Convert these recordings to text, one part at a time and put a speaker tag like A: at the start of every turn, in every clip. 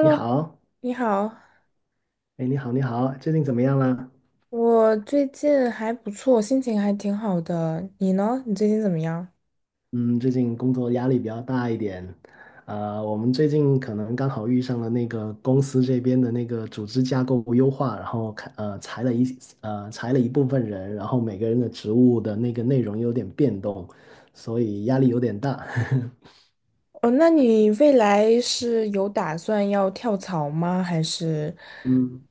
A: 你 好。
B: 你好，
A: 哎，你好，你好，最近怎么样啦？
B: 我最近还不错，心情还挺好的。你呢？你最近怎么样？
A: 嗯，最近工作压力比较大一点，我们最近可能刚好遇上了那个公司这边的那个组织架构优化，然后裁了裁了一部分人，然后每个人的职务的那个内容有点变动，所以压力有点大。
B: 哦，那你未来是有打算要跳槽吗？还是，
A: 嗯。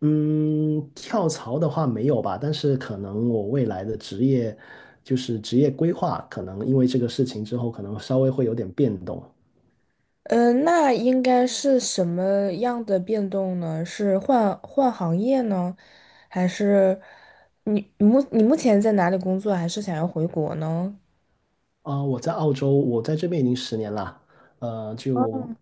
A: 嗯，跳槽的话没有吧，但是可能我未来的职业规划，可能因为这个事情之后，可能稍微会有点变动。
B: 嗯，那应该是什么样的变动呢？是换换行业呢，还是你目前在哪里工作？还是想要回国呢？
A: 啊、我在澳洲，我在这边已经10年了，呃，就
B: 哦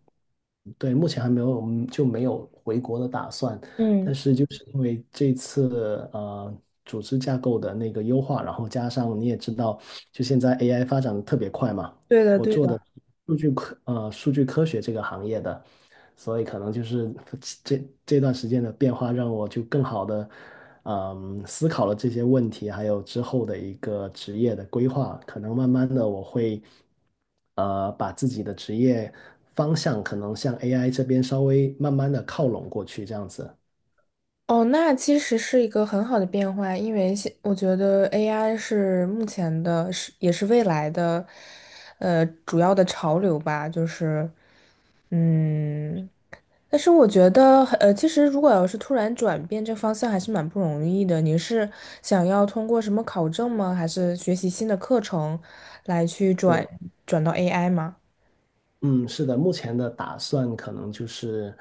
A: 对，目前还没有没有回国的打算，但
B: 嗯，
A: 是就是因为这次组织架构的那个优化，然后加上你也知道，就现在 AI 发展的特别快嘛，
B: 对的，
A: 我
B: 对
A: 做的
B: 的。
A: 数据科学这个行业的，所以可能就是这段时间的变化让我就更好的。嗯，思考了这些问题，还有之后的一个职业的规划，可能慢慢的我会，把自己的职业方向可能向 AI 这边稍微慢慢的靠拢过去，这样子。
B: 哦，那其实是一个很好的变化，因为我觉得 AI 是目前的，是也是未来的，主要的潮流吧，就是，嗯，但是我觉得，其实如果要是突然转变这方向，还是蛮不容易的。你是想要通过什么考证吗？还是学习新的课程来去转
A: 对。
B: 转到 AI 吗？
A: 嗯，是的，目前的打算可能就是，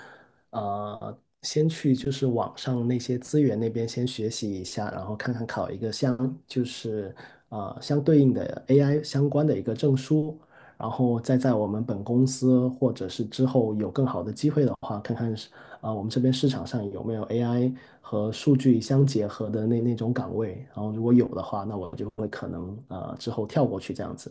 A: 先去就是网上那些资源那边先学习一下，然后看看考一个相就是呃相对应的 AI 相关的一个证书，然后再在我们本公司或者是之后有更好的机会的话，看看是啊、我们这边市场上有没有 AI 和数据相结合的那种岗位，然后如果有的话，那我就会可能之后跳过去这样子。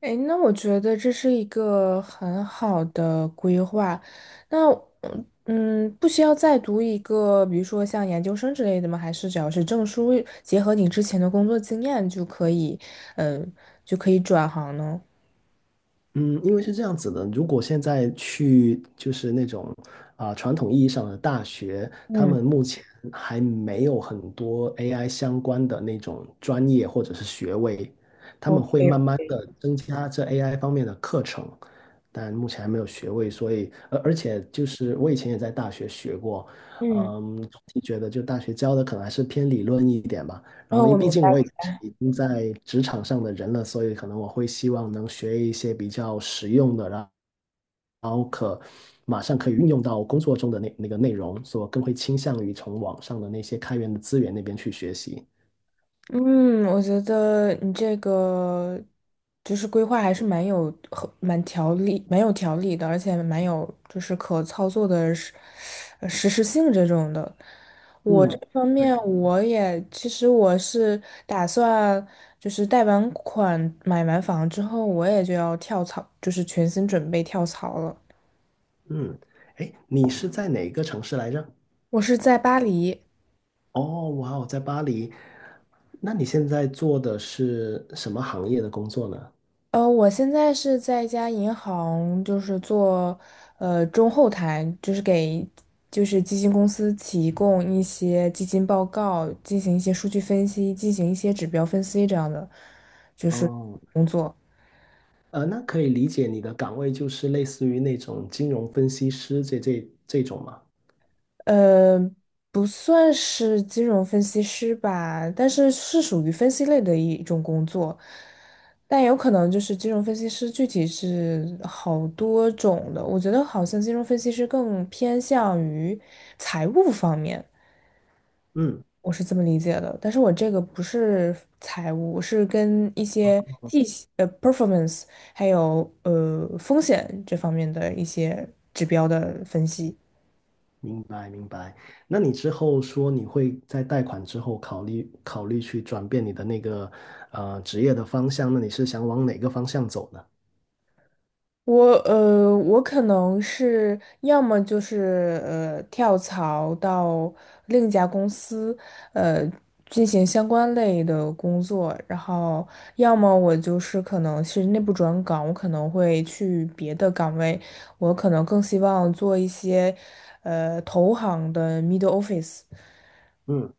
B: 哎，那我觉得这是一个很好的规划。那不需要再读一个，比如说像研究生之类的吗？还是只要是证书，结合你之前的工作经验就可以，嗯，就可以转行呢？
A: 嗯，因为是这样子的，如果现在去就是那种啊、传统意义上的大学，他
B: 嗯
A: 们目前还没有很多 AI 相关的那种专业或者是学位，他们会慢慢
B: ，OK，OK，
A: 的增加这 AI 方面的课程，但目前还没有学位，所以且就是我以前也在大学学过，
B: 嗯，
A: 嗯，总体觉得就大学教的可能还是偏理论一点吧。然
B: 然后
A: 后因
B: 我
A: 为毕
B: 明。
A: 竟我已经在职场上的人了，所以可能我会希望能学一些比较实用的，然后可马上可以运用到工作中的那个内容，所以我更会倾向于从网上的那些开源的资源那边去学习。
B: 嗯，我觉得你这个就是规划还是蛮有条理的，而且蛮有就是可操作的实施性这种的。我这
A: 嗯。
B: 方面我也其实我是打算就是贷完款买完房之后，我也就要跳槽，就是全心准备跳槽了。
A: 嗯，哎，你是在哪个城市来着？
B: 我是在巴黎。
A: 哦，哇哦，在巴黎。那你现在做的是什么行业的工作呢？
B: 我现在是在一家银行，就是做中后台，就是给就是基金公司提供一些基金报告，进行一些数据分析，进行一些指标分析这样的，就是
A: 哦，
B: 工作。
A: 呃，那可以理解你的岗位就是类似于那种金融分析师这种吗？
B: 呃，不算是金融分析师吧，但是是属于分析类的一种工作，但有可能就是金融分析师具体是好多种的，我觉得好像金融分析师更偏向于财务方面，
A: 嗯，
B: 我是这么理解的，但是我这个不是财务，我是跟一些 performance 还有风险这方面的一些指标的分析。
A: 明白明白。那你之后说你会在贷款之后考虑考虑去转变你的那个职业的方向，那你是想往哪个方向走呢？
B: 我可能是要么就是跳槽到另一家公司，呃进行相关类的工作，然后要么我就是可能是内部转岗，我可能会去别的岗位，我可能更希望做一些投行的 middle office。
A: 嗯，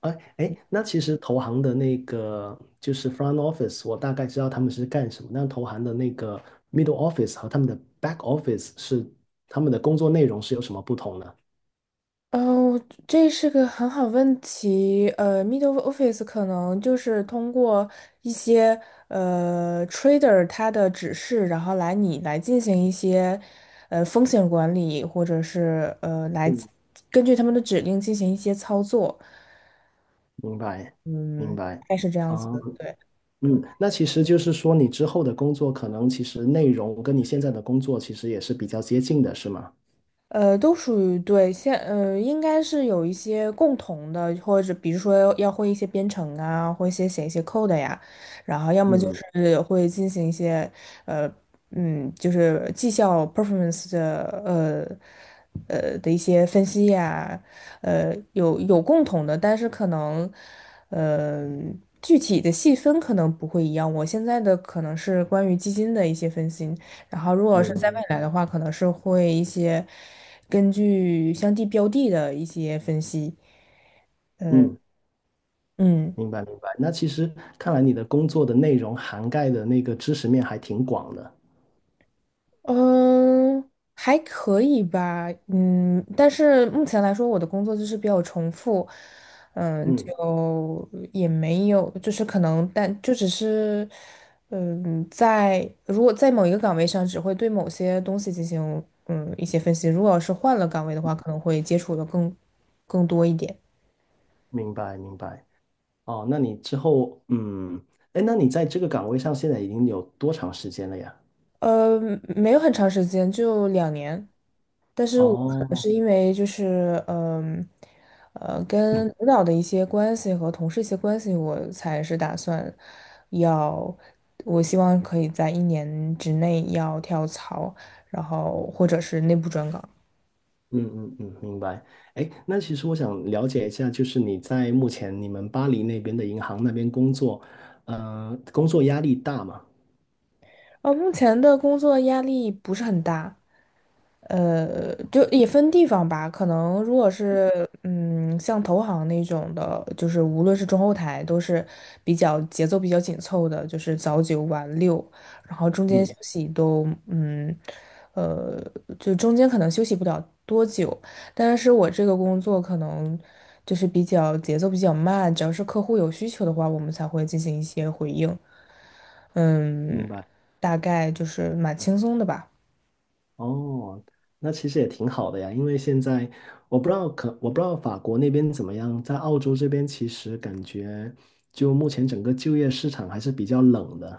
A: 哎哎，那其实投行的那个就是 front office，我大概知道他们是干什么。那投行的那个 middle office 和他们的 back office 是他们的工作内容是有什么不同呢？
B: 嗯，我这是个很好问题。middle office 可能就是通过一些trader 他的指示，然后你来进行一些风险管理，或者是来
A: 嗯，
B: 根据他们的指令进行一些操作。
A: 明白明
B: 嗯，
A: 白。
B: 大概是这样子
A: 嗯。
B: 的。对。
A: 嗯，那其实就是说，你之后的工作可能其实内容跟你现在的工作其实也是比较接近的，是吗？
B: 都属于对，应该是有一些共同的，或者比如说要会一些编程啊，或一些写一些 code 呀，然后要么就
A: 嗯
B: 是会进行一些呃，就是绩效 performance 的一些分析呀，有共同的，但是可能呃具体的细分可能不会一样。我现在的可能是关于基金的一些分析，然后，如果是在未
A: 嗯
B: 来的话，可能是会一些根据相地标的的一些分析。
A: 嗯，
B: 嗯
A: 明白明白。那其实看来你的工作的内容涵盖的那个知识面还挺广的。
B: 嗯，还可以吧。嗯，但是目前来说，我的工作就是比较重复。嗯，
A: 嗯，
B: 就也没有，就是可能，但就只是，嗯，如果在某一个岗位上，只会对某些东西进行一些分析。如果要是换了岗位的话，可能会接触的更多一点。
A: 明白明白。哦，那你之后，嗯，哎，那你在这个岗位上现在已经有多长时间了呀？
B: 呃，没有很长时间，就2年。但是我可能
A: 哦，
B: 是因为就是，跟领导的一些关系和同事一些关系，我才是打算要，我希望可以在一年之内要跳槽，然后或者是内部转岗。
A: 嗯嗯嗯，明白。哎，那其实我想了解一下，就是你在目前你们巴黎那边的银行那边工作，呃，工作压力大吗？
B: 目前的工作压力不是很大，就也分地方吧。可能如果是像投行那种的，就是无论是中后台都是比较节奏比较紧凑的，就是早九晚六，然后中间休
A: 嗯，
B: 息都呃，就中间可能休息不了多久。但是我这个工作可能就是比较节奏比较慢，只要是客户有需求的话，我们才会进行一些回应。嗯，
A: 明白。
B: 大概就是蛮轻松的吧。
A: 哦，那其实也挺好的呀，因为现在我不知道法国那边怎么样，在澳洲这边其实感觉就目前整个就业市场还是比较冷的，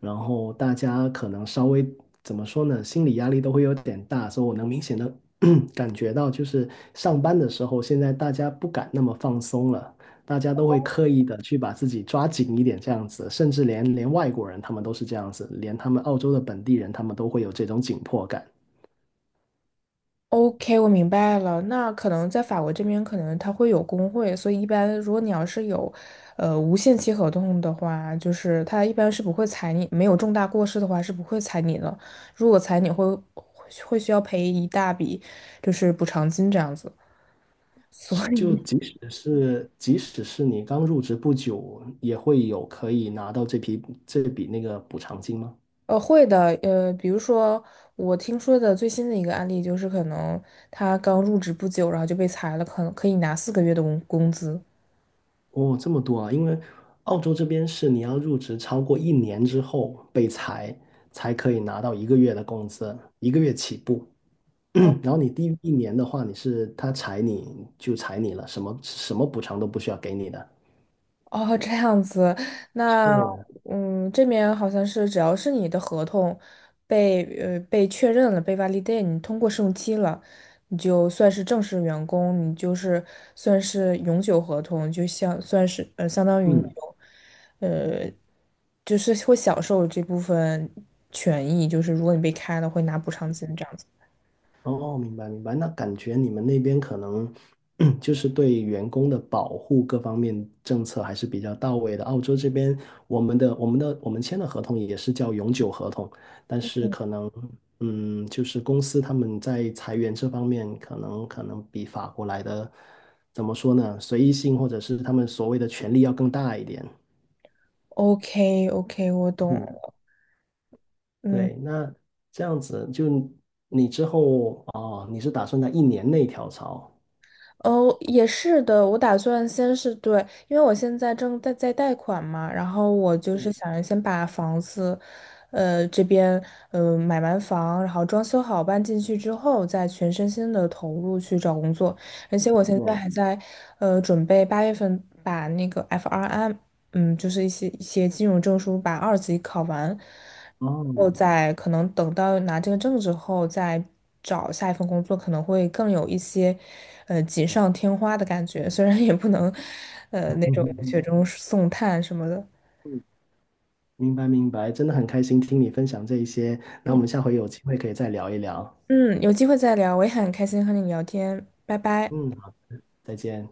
A: 然后大家可能稍微怎么说呢，心理压力都会有点大，所以我能明显的 感觉到，就是上班的时候，现在大家不敢那么放松了，大家都会刻意的去把自己抓紧一点这样子，甚至连外国人他们都是这样子，连他们澳洲的本地人他们都会有这种紧迫感。
B: OK，我明白了。那可能在法国这边，可能它会有工会，所以一般如果你要是有，无限期合同的话，就是他一般是不会裁你，没有重大过失的话是不会裁你的。如果裁你会需要赔一大笔，就是补偿金这样子。所
A: 是就
B: 以，
A: 即使是你刚入职不久，也会有可以拿到这笔那个补偿金吗？
B: 会的，比如说我听说的最新的一个案例就是，可能他刚入职不久，然后就被裁了，可能可以拿4个月的工资。
A: 哦，这么多啊！因为澳洲这边是你要入职超过一年之后被裁，才可以拿到一个月的工资，一个月起步。然后你低于1年的话，你是他裁你就裁你了，什么什么补偿都不需要给你的。
B: 哦，这样子，那
A: 是。
B: 这边好像是只要是你的合同被确认了，被 validate，你通过试用期了，你就算是正式员工，你就是算是永久合同，就像算是相当于你
A: 嗯。
B: 有就是会享受这部分权益，就是如果你被开了会拿补偿金这样子。
A: 哦，明白明白。那感觉你们那边可能 就是对员工的保护各方面政策还是比较到位的。澳洲这边，我们签的合同也是叫永久合同，但是可能，嗯，就是公司他们在裁员这方面，可能比法国来的，怎么说呢？随意性或者是他们所谓的权利要更大一点。
B: OK OK，我懂。
A: 嗯，
B: 嗯。
A: 对，那这样子就你之后哦，你是打算在1年内跳槽？
B: 哦，也是的，我打算先是对，因为我现在正在贷款嘛，然后我就是想着先把房子，这边买完房，然后装修好搬进去之后，再全身心的投入去找工作，而且我现在还在，准备8月份把那个 FRM 就是一些金融证书把2级考完，后
A: 哦，
B: 再可能等到拿这个证之后再找下一份工作，可能会更有一些锦上添花的感觉。虽然也不能那种雪中送炭什么的。
A: 嗯，明白明白，真的很开心听你分享这一些，那我
B: 嗯
A: 们下回有机会可以再聊一聊。
B: 嗯，有机会再聊，我也很开心和你聊天，拜拜。
A: 嗯，好，再见。